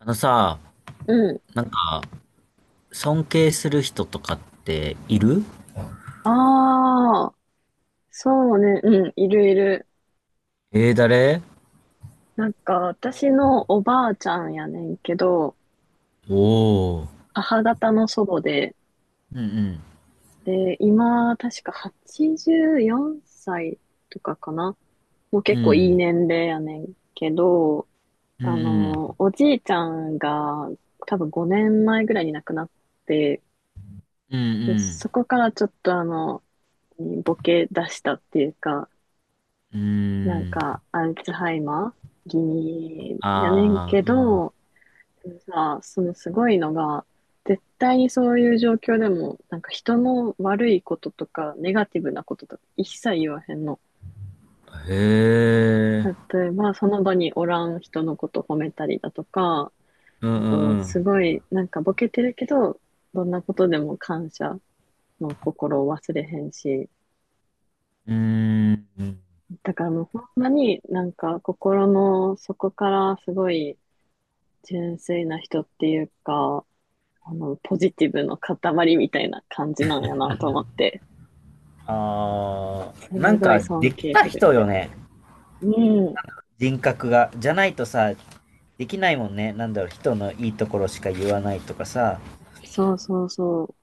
あのさ、うん。なんか、尊敬する人とかっている？ああ、そうね。うん、いるいる。誰？なんか、私のおばあちゃんやねんけど、おー。母方の祖母で、うんで、今、確か84歳とかかな。もうう結構いいん。年齢やねんけど、うんうん。おじいちゃんが多分5年前ぐらいに亡くなって、うんうで、ん。そこからちょっとボケ出したっていうか、うん。なうんん。か、アルツハイマー気味やねんあけー、ど、でもさ、そのすごいのが、絶対にそういう状況でも、なんか人の悪いこととか、ネガティブなこととか、一切言わへんの。うん。へー。例えば、その場におらん人のこと褒めたりだとか、うんあうと、んすごい、なんかボケてるけど、どんなことでも感謝の心を忘れへんし、うん。うーん。だからもうほんまになんか心の底からすごい、純粋な人っていうか、ポジティブの塊みたいな感じなんやなと思って、ああ、すなんごいかで尊き敬たする。人よね、うん、人格が。じゃないとさ、できないもんね。なんだろう、人のいいところしか言わないとかさ。そうそうそう。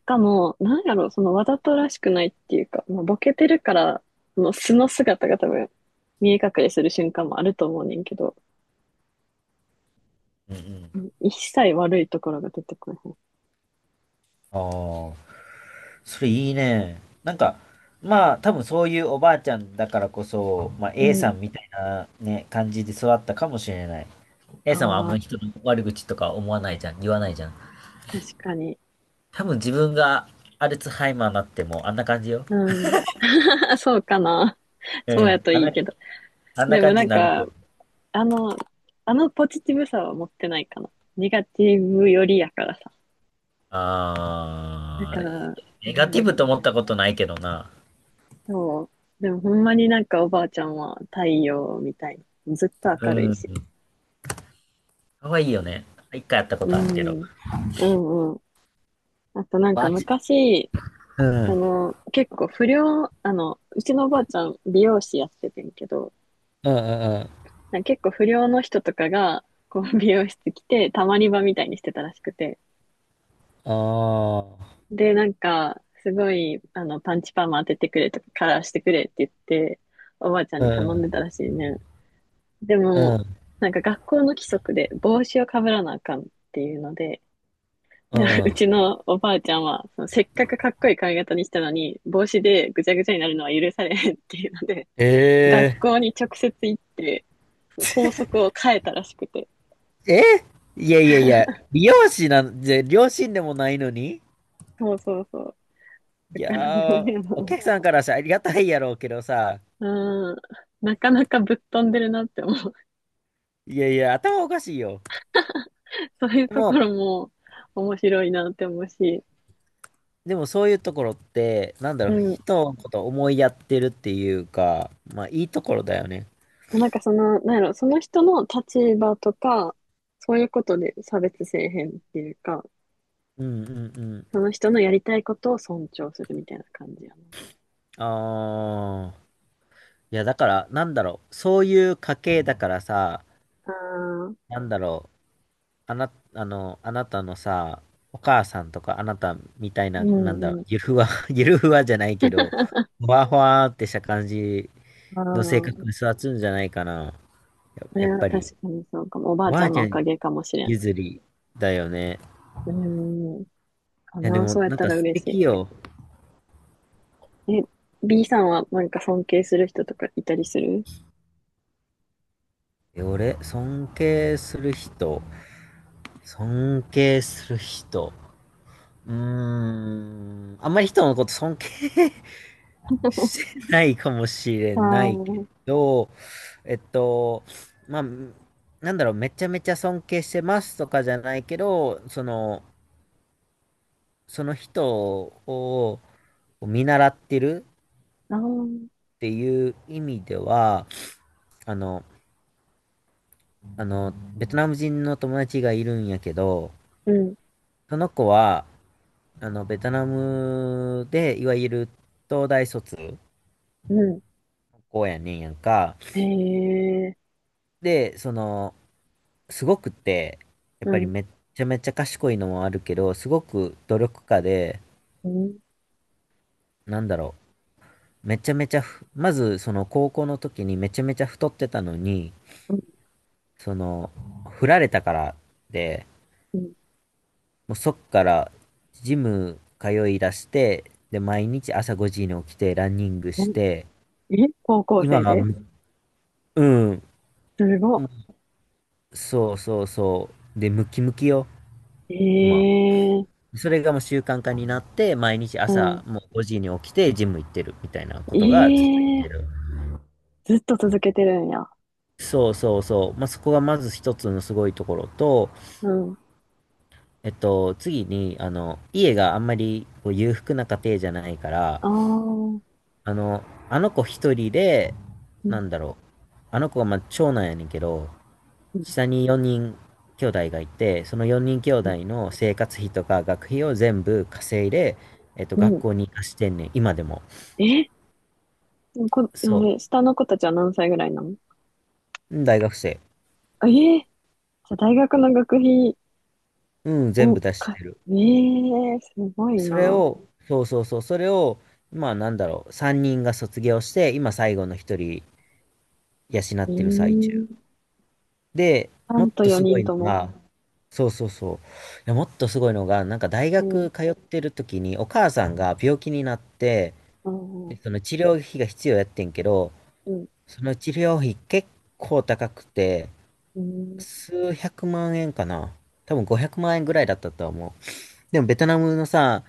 しかも、なんやろ、そのわざとらしくないっていうか、まあ、ボケてるから、その素の姿が多分、見え隠れする瞬間もあると思うねんけど、うんうん。うん一切悪いところが出てこない。ああ。それいいね。なんか、まあ、多分そういうおばあちゃんだからこそ、まあ、う A さん。んみたいなね、感じで育ったかもしれない。A さんはあんあまあ、り人の悪口とか思わないじゃん、言わないじゃん。確かに。多分自分がアルツハイマーになってもあんな感じよ。うん。そうかな。うそうやん、とあんいいな、けど。あんなでも感じなにんなるか、と。あの、あのポジティブさは持ってないかな。ネガティブよりやからさ。だあかー、ら、ネなガんテやィブとろ。思ったことないけどな。そう。でもほんまになんかおばあちゃんは太陽みたいな。ずっとう明るいん、し。可愛いよね。一回やったこうとあるけど。ん。うんうん。あとなんかマジ。昔、うそん、の、結構不良、うちのおばあちゃん美容師やっててんけど、うん、うん、うん。なんか結構不良の人とかが、こう美容室来て、たまり場みたいにしてたらしくて。ああ、で、なんか、すごい、パンチパーマ当ててくれとか、カラーしてくれって言って、おばあちゃんうに頼んん、でたらしいね。でうも、ん、なんか学校の規則で帽子をかぶらなあかんっていうので、うで、うん。ちのおばあちゃんは、そのせっかくかっこいい髪型にしたのに、帽子でぐちゃぐちゃになるのは許されへんっていうので、学え校に直接行って、校則を変えたらしくて。ええ、いやいやいや、美容師なんで、両親でもないのに。そうそうそう。いだから、もやー、おう、客さんからさありがたいやろうけどさ、あのうん、なかなかぶっ飛んでるなって思う。いやいや、頭おかしいよ。そういうでところも、も面白いなって思うし、でもそういうところって、なんだうろう、ん。人のこと思いやってるっていうか、まあいいところだよね。なんかその、なんやろ、その人の立場とか、そういうことで差別せえへんっていうか、うんうんうん。その人のやりたいことを尊重するみたいな感じやな。ああ、いやだから、なんだろう、そういう家系だからさ、ああ、なんだろう、あな、あの、あなたのさ、お母さんとかあなたみたいな、うなんだんろうう、ん。ゆるふわ、ゆるふわじゃないけど、ふわふわってした感じあの性あ、格に育つんじゃないかな。や、そやれっはぱ確り、かにそうかも。おばおあちばゃあんのちおゃかんげかもしれん。譲りだよね。うん。かいや、でな、も、そうやっなんたから素嬉し敵よ。い。え、B さんはなんか尊敬する人とかいたりする？ 俺、尊敬する人、尊敬する人。うーん、あんまり人のこと尊敬 してないかもしれああ、ないけあど、えっと、まあ、なんだろう、めちゃめちゃ尊敬してますとかじゃないけど、その人を見習ってるあ、うん、っていう意味では、あの、ベトナム人の友達がいるんやけど、その子は、ベトナムで、いわゆる東大卒うん。高校やねんやんか。へえ、で、その、すごくって、やっうぱりん、めっちゃめちゃ賢いのもあるけど、すごく努力家で、うん、なんだろう、めちゃめちゃふ、まずその高校の時にめちゃめちゃ太ってたのに、うん、その、振られたからで、うん。もうそっからジム通い出して、で、毎日朝5時に起きてランニングうしんて、え、高校今生は。でうん、すごそうそうそう、で、ムキムキよ、い。今。ええ、それがもう習慣化になって、毎日う朝ん。もう5時に起きてジム行ってるみたいなこえとが続いえ、てる。ずっと続けてるんや。そうそうそう。まあ、そこがまず一つのすごいところと、うん。次に、あの、家があんまりこう裕福な家庭じゃないから、ああ、うん、あの、あの子一人で、うなんだろう。あの子はまあ長男やねんけど、ん、下に4人兄弟がいて、その4人兄うん。弟の生活費とか学費を全部稼いで、う学ん校に貸してんねん、今でも。え、こ、そう。ね下の子たちは何歳ぐらいなの？うん。大学生。あええ、じゃあ大学の学費うん、全を部出してか、る。ええ、すごいそれな。を、そうそうそう、それを、まあなんだろう、3人が卒業して、今最後の1人養っええ、てる最中。で、さもっんととす4ご人いのとも。が、そうそうそう、いや、もっとすごいのが、なんか大うん、学通ってる時にお母さんが病気になって、うん、で、うその治療費が必要やってんけど、ん、その治療費結構高くて、うん、うん。数百万円かな。多分500万円ぐらいだったとは思う。でもベトナムのさ、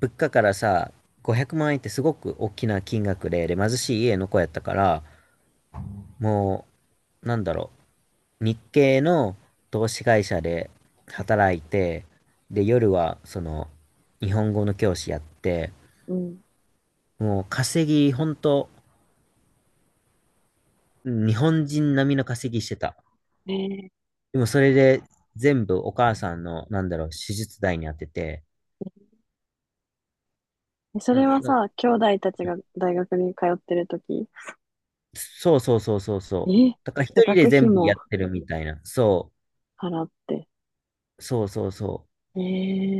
物価からさ、500万円ってすごく大きな金額で、で、貧しい家の子やったから、もう、なんだろう、日系の投資会社で働いて、で、夜は、その、日本語の教師やって、うんもう稼ぎ、ほんと、日本人並みの稼ぎしてた。ええでもそれで全部お母さんの、なんだろう、手術代に当てて、えそなれんはなさ、兄弟たちが大学に通ってるとき、そうそうそうそうえ、そう。じだから一ゃあ人で学費全部やっもてるみたいな。そ払って。う、そうそうそう。え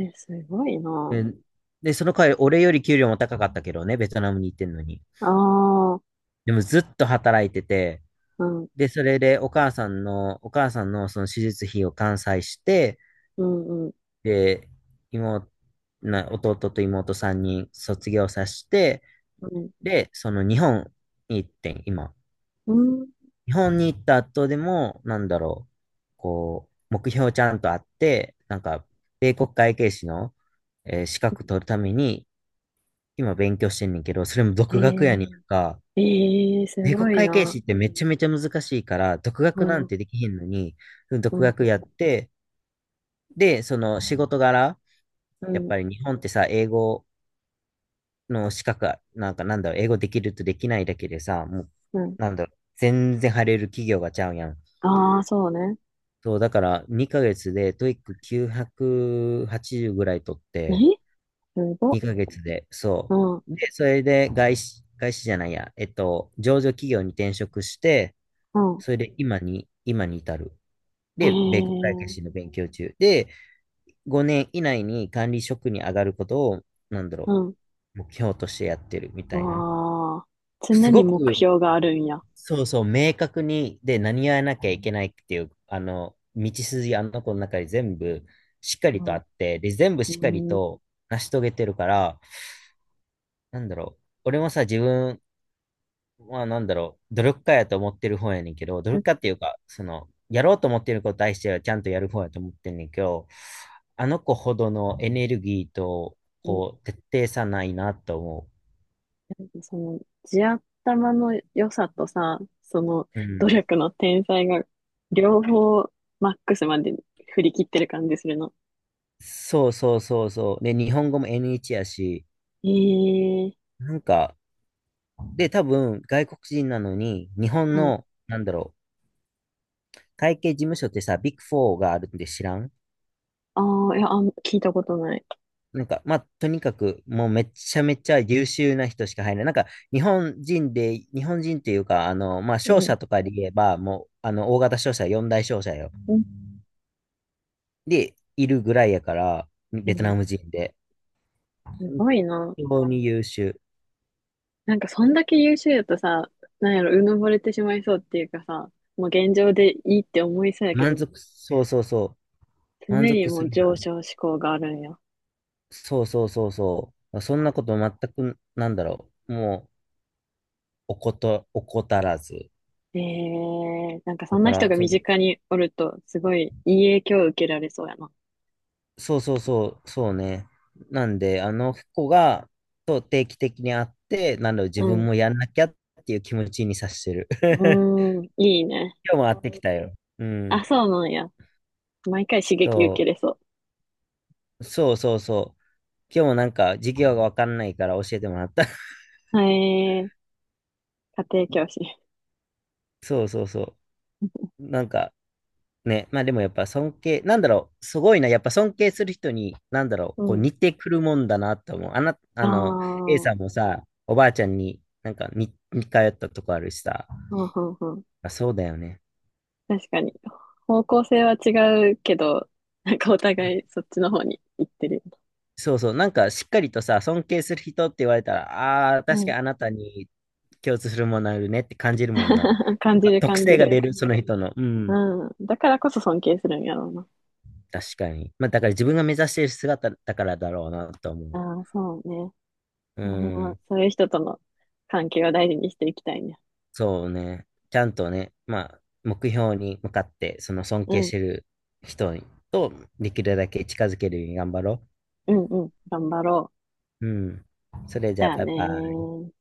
えすごいえな。ーで、その代わり俺より給料も高かったけどね、ベトナムに行ってんのに。ああ、でもずっと働いてて、うん、で、それでお母さんのその手術費を完済して、うん、うん、で、妹、弟と妹3人卒業させて、うん、で、その日本に行ってん、今。うん。日本に行った後でも、なんだろう、こう、目標ちゃんとあって、なんか、米国会計士の、資格取るために、今勉強してんねんけど、それも独学やにんえか、えええす米ご国い会計な。士ってめちゃめちゃ難しいから、独う学なん、うんん、てできへんのに、う独ん、学やって、で、その仕事柄、うやっん、ぱり日本ってさ、英語の資格なんかなんだろう、英語できるとできないだけでさ、もう、うん。なんだろう、全然入れる企業がちゃうやん。ああ、そうね。そう、だから2ヶ月でトイック980ぐらい取っえ、て、すご。2ヶ月で、そうん、うう。で、それで外資、外資じゃないや、上場企業に転職して、ん。それで今に至る。で、米国会計士のええ勉強中。で、5年以内に管理職に上がることを、なんだろうん。う、目標としてやってるみたいな。わあ、常すにご目く。標があるんや。そうそう、明確に、で、何やらなきゃいけないっていう、あの、道筋、あの子の中に全部しっかうりとあん、って、で、全部しっかりうん、と成し遂げてるから、なんだろう、俺もさ、自分はなんだろう、努力家やと思ってる方やねんけど、努う力ん、家っていうか、その、やろうと思ってることに対してはちゃんとやる方やと思ってんねんけど、あの子ほどのエネルギーと、こう、徹底さないなと思なんかその、地頭の良さとさ、その、う。う努ん。力の天才が、両方、マックスまで振り切ってる感じするの。そうそうそうそう。で、日本語も N1 やし、ええなんか、で、多分、外国人なのに、日本あ、の、なんだろう、会計事務所ってさ、ビッグフォーがあるんで知らん。ああ、いや、あん、聞いたことない。なんか、まあ、とにかく、もうめちゃめちゃ優秀な人しか入らない。なんか、日本人で、日本人っていうか、あの、まあ、う商ん。社とかで言えば、もう、あの、大型商社、四大商社よ。うんで、いるぐらいやから、えベトナムー人で。す本ごいな。当に優秀。なんか、そんだけ優秀だとさ、なんやろ、うぬぼれてしまいそうっていうかさ、もう現状でいいって思いそうやけ満ど、足、そうそうそう。常満に足もすうるな。上昇志向があるんや。そうそうそうそう。そんなこと全く、なんだろう。もう、おこと、怠らず。ええなんかそだんかな人ら、が身近におると、すごいいい影響を受けられそうやな。そうそうそう、そうね。なんで、あの子が、と定期的に会って、なんだろう、自う分ん。もやんなきゃっていう気持ちにさしてる。う ーん。いいね。今日も会ってきたよ。うあ、ん。そうなんや。毎回刺激受けそれそう、そうそうそう。今日もなんか、授業がわかんないから教えてもらった。う。へえ、家庭教師。そうそうそう。なんか、ね、まあでもやっぱ尊敬、なんだろう、すごいな、やっぱ尊敬する人に、なんだろう、うこうん。似てくるもんだなと思う。あな、ああの、A あ、さんもさ、おばあちゃんになんか似通ったとこあるしさ、うん、うん、うん。あそうだよね。確かに。方向性は違うけど、なんかお互いそっちの方に行ってるよね。そうそう、なんかしっかりとさ、尊敬する人って言われたら、ああ、う確かん。にあなたに共通するものあるねって感じるもんな。なん 感じかる特感じ性がる。出る、その人の。うん、うん。だからこそ尊敬するんやろうな。確かに。まあだから自分が目指している姿だからだろうなと思う。ああ、そうね。ういや、ほんまん。そういう人との関係を大事にしていきたいね。そうね。ちゃんとね、まあ、目標に向かって、その尊う敬しん、てる人とできるだけ近づけるように頑張ろうん、うん。頑張ろう。う。うん。それじじゃあ、ゃあバイねバイ。ー。